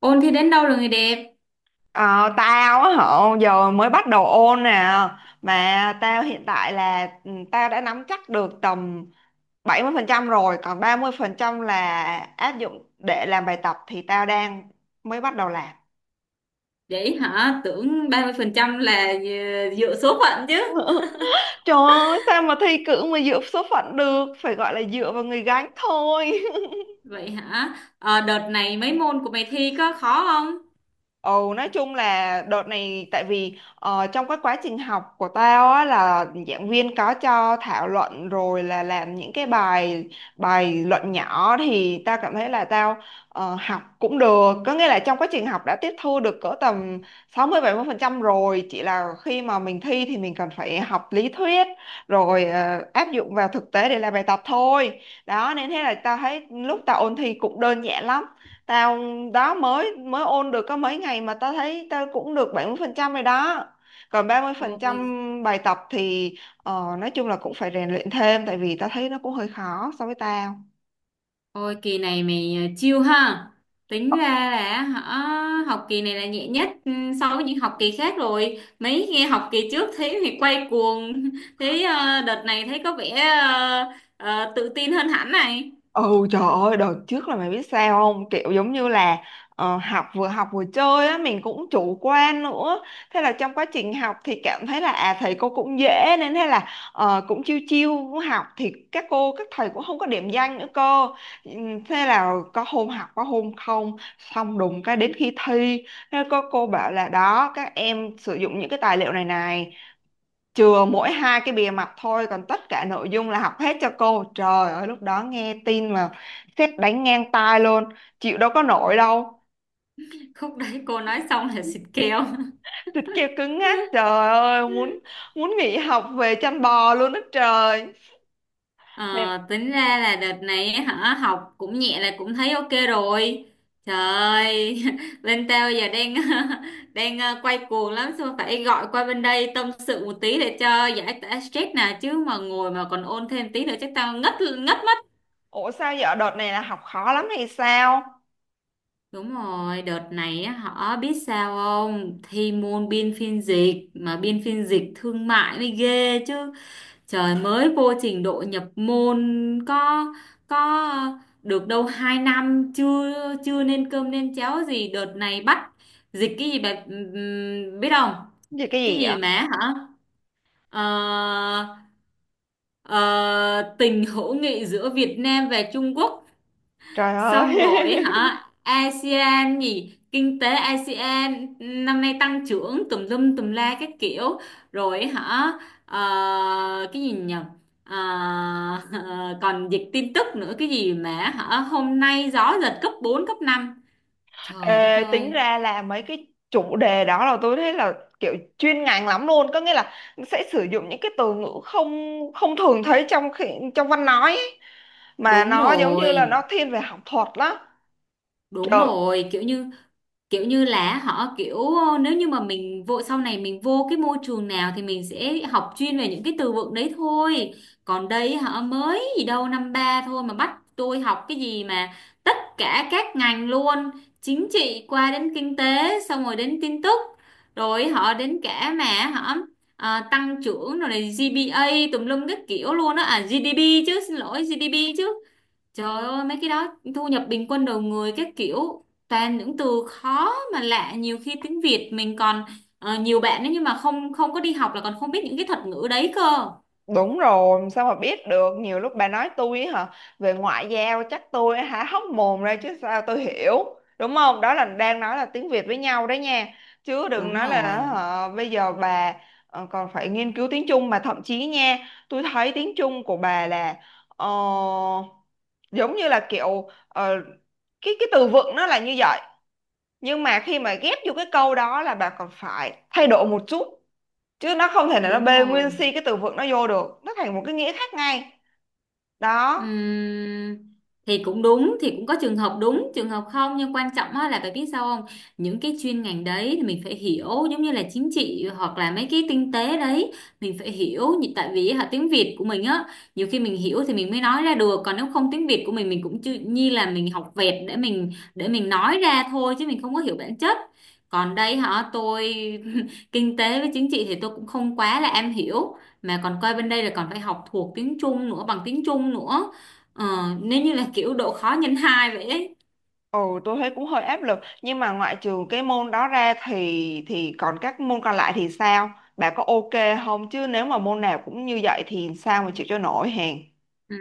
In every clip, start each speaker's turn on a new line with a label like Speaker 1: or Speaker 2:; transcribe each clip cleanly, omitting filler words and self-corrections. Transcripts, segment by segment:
Speaker 1: Ôn thi đến đâu rồi người đẹp?
Speaker 2: Ờ, Tao á hả giờ mới bắt đầu ôn nè, mà tao hiện tại là tao đã nắm chắc được tầm 70% rồi, còn 30% là áp dụng để làm bài tập thì tao đang mới bắt đầu làm.
Speaker 1: Vậy hả? Tưởng 30% là dựa số phận chứ.
Speaker 2: Trời ơi, sao mà thi cử mà dựa số phận được, phải gọi là dựa vào người gánh thôi.
Speaker 1: Vậy hả? Ờ, Đợt này mấy môn của mày thi có khó không?
Speaker 2: Ừ, nói chung là đợt này tại vì trong cái quá trình học của tao á là giảng viên có cho thảo luận rồi là làm những cái bài bài luận nhỏ, thì tao cảm thấy là tao học cũng được, có nghĩa là trong quá trình học đã tiếp thu được cỡ tầm sáu mươi mươi bảy mươi phần trăm rồi, chỉ là khi mà mình thi thì mình cần phải học lý thuyết rồi áp dụng vào thực tế để làm bài tập thôi. Đó nên thế là tao thấy lúc tao ôn thi cũng đơn giản lắm. Tao đó mới mới ôn được có mấy ngày mà tao thấy tao cũng được 70% rồi đó. Còn 30%
Speaker 1: Ôi,
Speaker 2: bài tập thì nói chung là cũng phải rèn luyện thêm, tại vì tao thấy nó cũng hơi khó so với tao.
Speaker 1: ôi, kỳ này mày chill ha. Tính ra là hả? Học kỳ này là nhẹ nhất so với những học kỳ khác rồi. Mấy nghe học kỳ trước thấy mày quay cuồng. Thấy đợt này thấy có vẻ ờ, tự tin hơn hẳn này.
Speaker 2: Ừ, trời ơi đợt trước là mày biết sao không, kiểu giống như là học vừa chơi á, mình cũng chủ quan nữa, thế là trong quá trình học thì cảm thấy là à thầy cô cũng dễ, nên thế là cũng chiêu chiêu cũng học thì các cô các thầy cũng không có điểm danh nữa cơ. Thế là có hôm học có hôm không, xong đùng cái đến khi thi thế có cô bảo là đó các em sử dụng những cái tài liệu này này, chừa mỗi hai cái bìa mặt thôi còn tất cả nội dung là học hết cho cô. Trời ơi lúc đó nghe tin mà sét đánh ngang tai luôn, chịu đâu có nổi đâu,
Speaker 1: Khúc đấy cô nói xong là xịt kèo.
Speaker 2: thịt kêu cứng ngắc. Trời ơi muốn muốn nghỉ học về chăn bò luôn đó trời.
Speaker 1: Ờ,
Speaker 2: Nên
Speaker 1: Tính ra là đợt này ấy hả học cũng nhẹ là cũng thấy ok rồi. Trời ơi, bên tao giờ đang đang quay cuồng lắm, xong phải gọi qua bên đây tâm sự một tí để cho giải tỏa stress nè, chứ mà ngồi mà còn ôn thêm tí nữa chắc tao ngất ngất mất.
Speaker 2: ủa sao giờ đợt này là học khó lắm hay sao,
Speaker 1: Đúng rồi, đợt này á, họ biết sao không, thi môn biên phiên dịch mà biên phiên dịch thương mại mới ghê chứ. Trời, mới vô trình độ nhập môn có được đâu 2 năm chưa chưa nên cơm nên cháo gì, đợt này bắt dịch cái gì bà biết không?
Speaker 2: gì cái
Speaker 1: Cái
Speaker 2: gì vậy?
Speaker 1: gì mà hả? Ờ, ờ, Tình hữu nghị giữa Việt Nam và Trung Quốc.
Speaker 2: Trời ơi.
Speaker 1: Xong rồi hả? ASEAN gì? Kinh tế ASEAN năm nay tăng trưởng tùm lum tùm la các kiểu. Rồi hả? Ờ, cái gì nhỉ? Ờ, Còn dịch tin tức nữa, cái gì mà hả? Hôm nay gió giật cấp 4 cấp 5. Trời đất
Speaker 2: Ê, tính
Speaker 1: ơi.
Speaker 2: ra là mấy cái chủ đề đó là tôi thấy là kiểu chuyên ngành lắm luôn, có nghĩa là sẽ sử dụng những cái từ ngữ không không thường thấy trong văn nói ấy, mà
Speaker 1: Đúng
Speaker 2: nó giống như là
Speaker 1: rồi.
Speaker 2: nó thiên về học thuật lắm.
Speaker 1: Đúng
Speaker 2: Trời.
Speaker 1: rồi, kiểu như là họ kiểu, nếu như mà mình vô sau này mình vô cái môi trường nào thì mình sẽ học chuyên về những cái từ vựng đấy thôi. Còn đây họ mới gì đâu năm ba thôi mà bắt tôi học cái gì mà tất cả các ngành luôn, chính trị qua đến kinh tế xong rồi đến tin tức, rồi họ đến cả mà họ à, tăng trưởng rồi này GPA tùm lum các kiểu luôn á, à GDP chứ, xin lỗi GDP chứ. Trời ơi mấy cái đó thu nhập bình quân đầu người các kiểu, toàn những từ khó mà lạ, nhiều khi tiếng Việt mình còn nhiều bạn ấy nhưng mà không không có đi học là còn không biết những cái thuật ngữ đấy cơ.
Speaker 2: Đúng rồi, sao mà biết được, nhiều lúc bà nói tôi ấy hả, về ngoại giao chắc tôi há hốc mồm ra chứ sao tôi hiểu, đúng không? Đó là đang nói là tiếng Việt với nhau đấy nha, chứ đừng
Speaker 1: Đúng
Speaker 2: nói là
Speaker 1: rồi,
Speaker 2: hả, bây giờ bà còn phải nghiên cứu tiếng Trung mà thậm chí nha, tôi thấy tiếng Trung của bà là ờ, giống như là kiểu cái từ vựng nó là như vậy, nhưng mà khi mà ghép vô cái câu đó là bà còn phải thay đổi một chút, chứ nó không thể nào nó
Speaker 1: đúng
Speaker 2: bê
Speaker 1: rồi.
Speaker 2: nguyên si cái từ vựng nó vô được, nó thành một cái nghĩa khác ngay đó.
Speaker 1: Ừm, thì cũng đúng, thì cũng có trường hợp đúng trường hợp không, nhưng quan trọng á là phải biết sao không, những cái chuyên ngành đấy thì mình phải hiểu, giống như là chính trị hoặc là mấy cái kinh tế đấy mình phải hiểu tại vì hả tiếng Việt của mình á, nhiều khi mình hiểu thì mình mới nói ra được, còn nếu không tiếng Việt của mình cũng chưa như là mình học vẹt để mình nói ra thôi chứ mình không có hiểu bản chất. Còn đây hả tôi kinh tế với chính trị thì tôi cũng không quá là am hiểu, mà còn coi bên đây là còn phải học thuộc tiếng Trung nữa, bằng tiếng Trung nữa. Ờ, Nếu như là kiểu độ khó nhân 2 vậy ấy.
Speaker 2: Ừ, tôi thấy cũng hơi áp lực, nhưng mà ngoại trừ cái môn đó ra thì còn các môn còn lại thì sao, bà có ok không? Chứ nếu mà môn nào cũng như vậy thì sao mà chịu cho nổi hèn
Speaker 1: Ừ.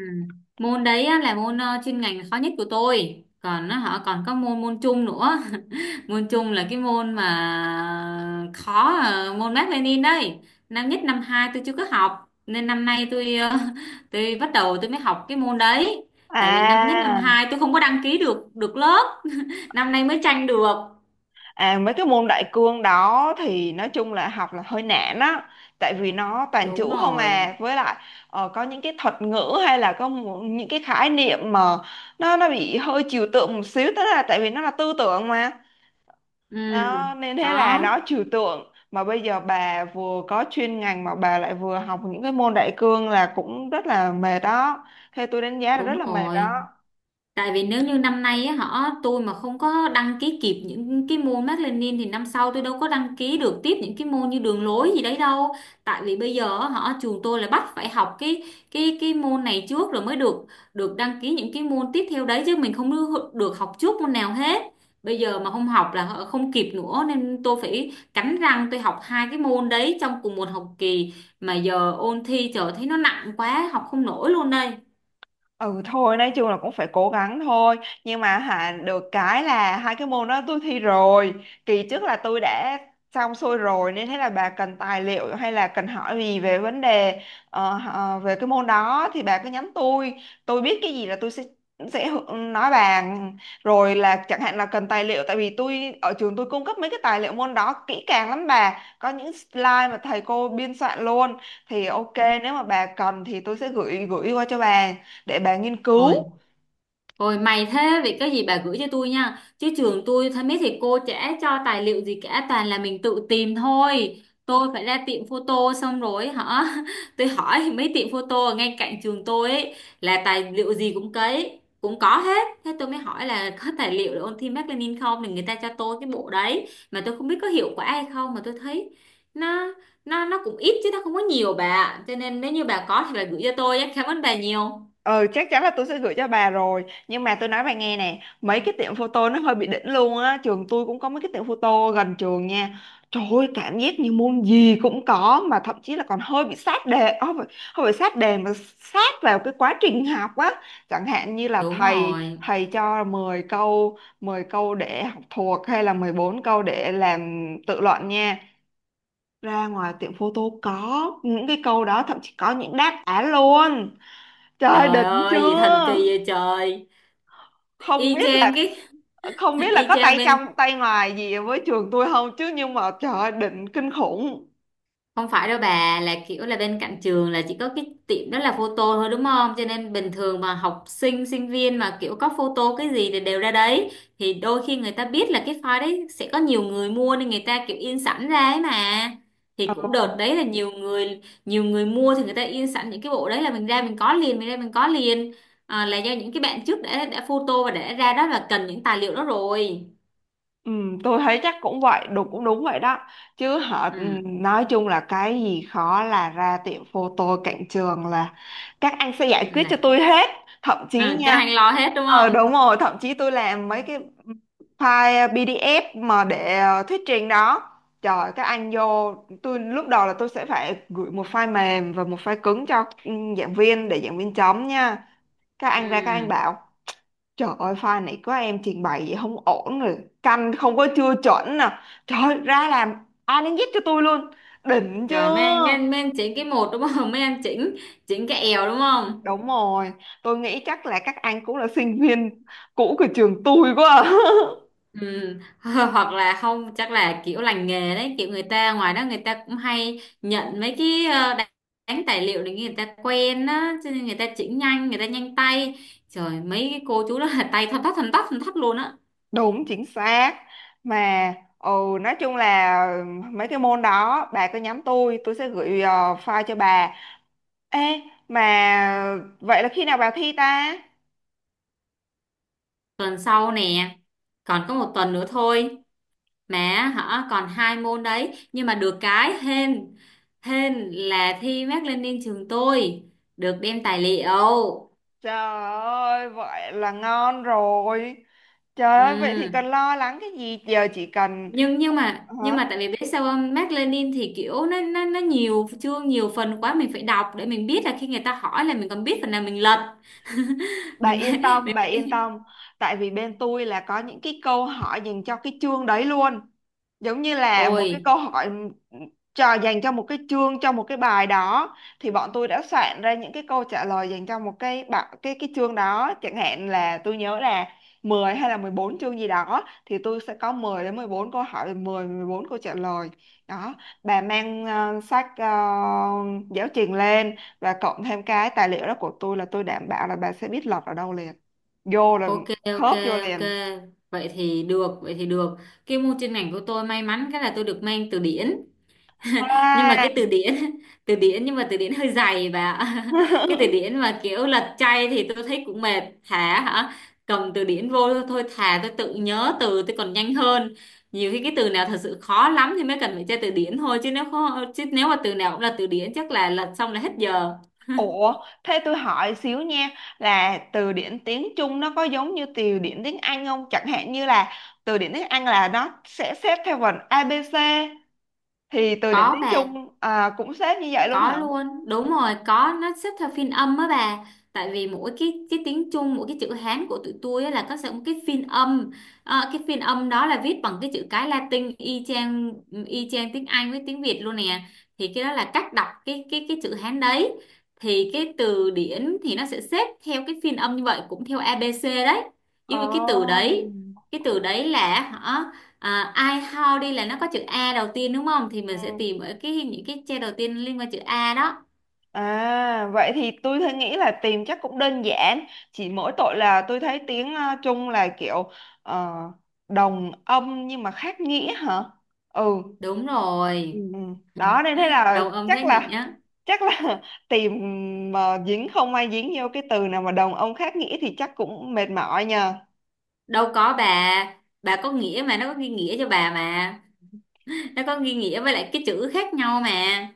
Speaker 1: Môn đấy á, là môn chuyên ngành khó nhất của tôi. Còn nó họ còn có môn môn chung nữa. Môn chung là cái môn mà khó môn Mác Lênin đây. Năm nhất năm 2 tôi chưa có học nên năm nay tôi tôi bắt đầu tôi mới học cái môn đấy. Tại vì năm nhất năm
Speaker 2: à.
Speaker 1: 2 tôi không có đăng ký được được lớp, năm nay mới tranh được.
Speaker 2: À, mấy cái môn đại cương đó thì nói chung là học là hơi nản á, tại vì nó toàn chữ
Speaker 1: Đúng
Speaker 2: không
Speaker 1: rồi.
Speaker 2: à, với lại có những cái thuật ngữ hay là có những cái khái niệm mà nó bị hơi trừu tượng một xíu, tức là tại vì nó là tư tưởng mà.
Speaker 1: Ừ.
Speaker 2: Đó nên thế là
Speaker 1: Đó,
Speaker 2: nó trừu tượng mà bây giờ bà vừa có chuyên ngành mà bà lại vừa học những cái môn đại cương là cũng rất là mệt đó, theo tôi đánh giá là rất
Speaker 1: đúng
Speaker 2: là mệt
Speaker 1: rồi.
Speaker 2: đó.
Speaker 1: Tại vì nếu như năm nay á, họ tôi mà không có đăng ký kịp những cái môn Mác Lênin thì năm sau tôi đâu có đăng ký được tiếp những cái môn như đường lối gì đấy đâu. Tại vì bây giờ á, họ trường tôi là bắt phải học cái môn này trước rồi mới được được đăng ký những cái môn tiếp theo đấy, chứ mình không được được học trước môn nào hết. Bây giờ mà không học là họ không kịp nữa nên tôi phải cắn răng tôi học 2 cái môn đấy trong cùng một học kỳ, mà giờ ôn thi trời thấy nó nặng quá học không nổi luôn đây.
Speaker 2: Ừ thôi nói chung là cũng phải cố gắng thôi. Nhưng mà hả, được cái là hai cái môn đó tôi thi rồi, kỳ trước là tôi đã xong xuôi rồi. Nên thế là bà cần tài liệu hay là cần hỏi gì về vấn đề về cái môn đó thì bà cứ nhắn tôi. Tôi biết cái gì là tôi sẽ nói bà. Rồi là chẳng hạn là cần tài liệu, tại vì tôi ở trường tôi cung cấp mấy cái tài liệu môn đó kỹ càng lắm bà, có những slide mà thầy cô biên soạn luôn. Thì ok, nếu mà bà cần thì tôi sẽ gửi gửi qua cho bà để bà nghiên
Speaker 1: Ôi.
Speaker 2: cứu.
Speaker 1: Rồi mày thế vậy có gì bà gửi cho tôi nha, chứ trường tôi thấy mấy thầy cô chả cho tài liệu gì cả, toàn là mình tự tìm thôi. Tôi phải ra tiệm photo xong rồi hả. Tôi hỏi mấy tiệm photo ở ngay cạnh trường tôi ấy, là tài liệu gì cũng cấy, cũng có hết. Thế tôi mới hỏi là có tài liệu để ôn thi Mác Lênin không, thì người ta cho tôi cái bộ đấy, mà tôi không biết có hiệu quả hay không, mà tôi thấy nó nó cũng ít chứ nó không có nhiều bà ạ. Cho nên nếu như bà có thì bà gửi cho tôi nhé. Cảm ơn bà nhiều.
Speaker 2: Ờ Chắc chắn là tôi sẽ gửi cho bà rồi, nhưng mà tôi nói bà nghe nè, mấy cái tiệm photo nó hơi bị đỉnh luôn á. Trường tôi cũng có mấy cái tiệm photo gần trường nha, trời ơi cảm giác như môn gì cũng có, mà thậm chí là còn hơi bị sát đề. Không phải sát đề mà sát vào cái quá trình học á. Chẳng hạn như là
Speaker 1: Đúng
Speaker 2: thầy
Speaker 1: rồi.
Speaker 2: thầy cho 10 câu 10 câu để học thuộc hay là 14 câu để làm tự luận nha, ra ngoài tiệm photo có những cái câu đó, thậm chí có những đáp án luôn. Trời,
Speaker 1: Trời
Speaker 2: đỉnh
Speaker 1: ơi, gì thần kỳ
Speaker 2: chưa?
Speaker 1: vậy trời.
Speaker 2: Không
Speaker 1: Y
Speaker 2: biết là
Speaker 1: chang cái.
Speaker 2: không biết là
Speaker 1: Y
Speaker 2: có
Speaker 1: chang
Speaker 2: tay
Speaker 1: bên
Speaker 2: trong tay ngoài gì với trường tôi không, chứ nhưng mà trời ơi, đỉnh kinh khủng.
Speaker 1: không phải đâu bà, là kiểu là bên cạnh trường là chỉ có cái tiệm đó là photo thôi đúng không? Cho nên bình thường mà học sinh sinh viên mà kiểu có photo cái gì thì đều ra đấy. Thì đôi khi người ta biết là cái file đấy sẽ có nhiều người mua nên người ta kiểu in sẵn ra ấy mà. Thì cũng đợt đấy là nhiều người mua thì người ta in sẵn những cái bộ đấy là mình ra mình có liền, mình ra mình có liền. À, là do những cái bạn trước đã photo và đã ra đó là cần những tài liệu đó rồi.
Speaker 2: Ừ, tôi thấy chắc cũng vậy, đúng cũng đúng vậy đó. Chứ họ ừ,
Speaker 1: Ừ.
Speaker 2: nói chung là cái gì khó là ra tiệm photo cạnh trường là các anh sẽ giải quyết cho
Speaker 1: Là
Speaker 2: tôi hết. Thậm chí
Speaker 1: à, cái
Speaker 2: nha,
Speaker 1: hành lo hết đúng
Speaker 2: đúng
Speaker 1: không?
Speaker 2: rồi, thậm chí tôi làm mấy cái file PDF mà để thuyết trình đó. Trời, các anh vô, tôi lúc đầu là tôi sẽ phải gửi một file mềm và một file cứng cho giảng viên để giảng viên chấm nha. Các
Speaker 1: Ừ.
Speaker 2: anh ra các anh bảo: trời ơi pha này có em trình bày vậy không ổn rồi, canh không có chưa chuẩn nè. Trời ơi, ra làm A đến Z cho tôi luôn, đỉnh
Speaker 1: Trời mấy anh mấy anh
Speaker 2: chưa?
Speaker 1: mấy anh chỉnh cái một đúng không? Mấy anh chỉnh chỉnh cái èo đúng không?
Speaker 2: Đúng rồi, tôi nghĩ chắc là các anh cũng là sinh viên cũ của trường tôi quá à.
Speaker 1: Ừ. Hoặc là không, chắc là kiểu lành nghề đấy, kiểu người ta ngoài đó người ta cũng hay nhận mấy cái đánh tài liệu để người ta quen á, cho nên người ta chỉnh nhanh, người ta nhanh tay. Trời mấy cái cô chú đó là tay thon tắt thon tắt thon tắt luôn á.
Speaker 2: Đúng chính xác. Mà nói chung là mấy cái môn đó bà cứ nhắm tôi sẽ gửi file cho bà. Ê, mà vậy là khi nào bà thi ta?
Speaker 1: Tuần sau nè, còn có một tuần nữa thôi. Mà hả còn 2 môn đấy, nhưng mà được cái hên hên là thi Mác Lênin trường tôi được đem tài liệu.
Speaker 2: Trời ơi, vậy là ngon rồi. Trời ơi, vậy thì cần
Speaker 1: Ừ.
Speaker 2: lo lắng cái gì? Giờ chỉ cần
Speaker 1: nhưng nhưng mà nhưng
Speaker 2: hả?
Speaker 1: mà tại vì biết sao không, Mác Lênin thì kiểu nó nhiều chương nhiều phần quá, mình phải đọc để mình biết là khi người ta hỏi là mình còn biết phần nào mình lật.
Speaker 2: Bà
Speaker 1: mình phải
Speaker 2: yên tâm,
Speaker 1: mình
Speaker 2: bà yên
Speaker 1: phải
Speaker 2: tâm. Tại vì bên tôi là có những cái câu hỏi dành cho cái chương đấy luôn, giống như là một
Speaker 1: Ôi.
Speaker 2: cái câu hỏi cho dành cho một cái chương cho một cái bài đó thì bọn tôi đã soạn ra những cái câu trả lời dành cho một cái bạ- cái chương đó. Chẳng hạn là tôi nhớ là 10 hay là 14 chương gì đó thì tôi sẽ có 10 đến 14 câu hỏi, mười mười bốn câu trả lời. Đó, bà mang sách giáo trình lên và cộng thêm cái tài liệu đó của tôi là tôi đảm bảo là bà sẽ biết lọt ở đâu liền, vô là
Speaker 1: Ok, ok,
Speaker 2: khớp vô
Speaker 1: ok,
Speaker 2: liền
Speaker 1: vậy thì được, vậy thì được. Cái môn chuyên ngành của tôi may mắn cái là tôi được mang từ điển, nhưng mà
Speaker 2: à.
Speaker 1: cái từ điển từ điển nhưng mà từ điển hơi dày bà ạ. Cái từ điển mà kiểu lật chay thì tôi thấy cũng mệt, thà hả cầm từ điển vô thôi, thà tôi tự nhớ từ tôi còn nhanh hơn. Nhiều khi cái từ nào thật sự khó lắm thì mới cần phải tra từ điển thôi, chứ nếu mà từ nào cũng là từ điển chắc là lật xong là hết giờ.
Speaker 2: Ủa, thế tôi hỏi xíu nha, là từ điển tiếng Trung nó có giống như từ điển tiếng Anh không? Chẳng hạn như là từ điển tiếng Anh là nó sẽ xếp theo vần ABC, thì từ điển
Speaker 1: Có
Speaker 2: tiếng
Speaker 1: bà.
Speaker 2: Trung à, cũng xếp như vậy luôn
Speaker 1: Có
Speaker 2: hả?
Speaker 1: luôn, đúng rồi, có, nó xếp theo phiên âm á bà, tại vì mỗi cái tiếng Trung mỗi cái chữ Hán của tụi tôi á là có sẽ một cái phiên âm. Cái phiên âm đó là viết bằng cái chữ cái Latin y chang, tiếng Anh với tiếng Việt luôn nè. Thì cái đó là cách đọc cái chữ Hán đấy. Thì cái từ điển thì nó sẽ xếp theo cái phiên âm như vậy cũng theo ABC đấy, nhưng mà cái từ đấy là hả, à, I how đi là nó có chữ A đầu tiên đúng không? Thì mình sẽ
Speaker 2: Ồ.
Speaker 1: tìm ở cái những cái che đầu tiên liên quan chữ A đó.
Speaker 2: À, vậy thì tôi thấy nghĩ là tìm chắc cũng đơn giản, chỉ mỗi tội là tôi thấy tiếng Trung là kiểu ờ, đồng âm nhưng mà khác nghĩa hả? Ừ.
Speaker 1: Đúng
Speaker 2: Ừ.
Speaker 1: rồi.
Speaker 2: Ừ. Đó nên thế là
Speaker 1: Đồng âm
Speaker 2: chắc
Speaker 1: khác
Speaker 2: là
Speaker 1: nghĩa.
Speaker 2: chắc là tìm mà dính, không ai dính vô cái từ nào mà đồng âm khác nghĩa thì chắc cũng mệt mỏi nhờ.
Speaker 1: Đâu có bà. Bà có nghĩa mà nó có ghi nghĩa cho bà mà. Nó có ghi nghĩa với lại cái chữ khác nhau mà.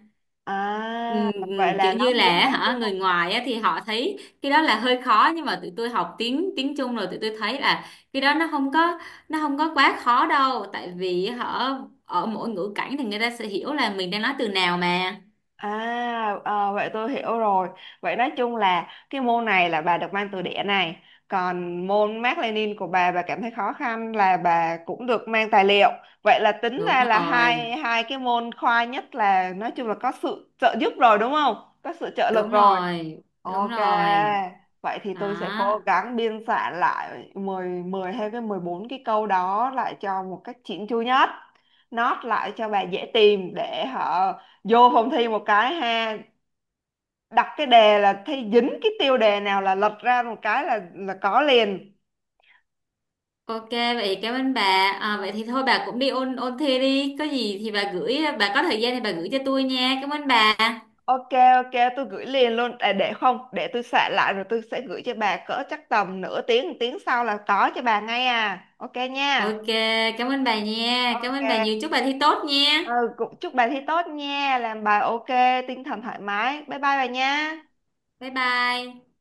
Speaker 2: À, vậy là
Speaker 1: Kiểu
Speaker 2: nó
Speaker 1: như
Speaker 2: lý
Speaker 1: là
Speaker 2: thuyết
Speaker 1: hả
Speaker 2: đúng
Speaker 1: người
Speaker 2: không?
Speaker 1: ngoài á, thì họ thấy cái đó là hơi khó nhưng mà tụi tôi học tiếng tiếng Trung rồi tụi tôi thấy là cái đó nó không có quá khó đâu, tại vì họ ở mỗi ngữ cảnh thì người ta sẽ hiểu là mình đang nói từ nào mà.
Speaker 2: À, ờ, vậy tôi hiểu rồi. Vậy nói chung là cái môn này là bà được mang từ đẻ này, còn môn Mác Lênin của bà cảm thấy khó khăn là bà cũng được mang tài liệu. Vậy là tính
Speaker 1: Đúng
Speaker 2: ra là
Speaker 1: rồi,
Speaker 2: hai hai cái môn khoa nhất là nói chung là có sự trợ giúp rồi đúng không? Có sự trợ
Speaker 1: đúng
Speaker 2: lực rồi.
Speaker 1: rồi, đúng
Speaker 2: Ok,
Speaker 1: rồi.
Speaker 2: vậy thì
Speaker 1: Đó.
Speaker 2: tôi sẽ cố gắng biên soạn lại mười hay cái 14 cái câu đó lại cho một cách chỉn chu nhất. Note lại cho bà dễ tìm để họ vô phòng thi một cái ha, đặt cái đề là thi dính cái tiêu đề nào là lật ra một cái là có liền.
Speaker 1: Ok vậy cảm ơn bà. À, vậy thì thôi bà cũng đi ôn ôn thi đi, có gì thì bà gửi, bà có thời gian thì bà gửi cho tôi nha, cảm ơn bà.
Speaker 2: Ok ok tôi gửi liền luôn à, để không để tôi soạn lại rồi tôi sẽ gửi cho bà cỡ chắc tầm nửa tiếng một tiếng sau là có cho bà ngay à. Ok nha.
Speaker 1: Ok. Cảm ơn bà nha, cảm ơn bà nhiều,
Speaker 2: Ok,
Speaker 1: chúc bà thi tốt nha.
Speaker 2: ừ, cũng chúc bà thi tốt nha, làm bài ok, tinh thần thoải mái. Bye bye bà nha.
Speaker 1: Bye bye.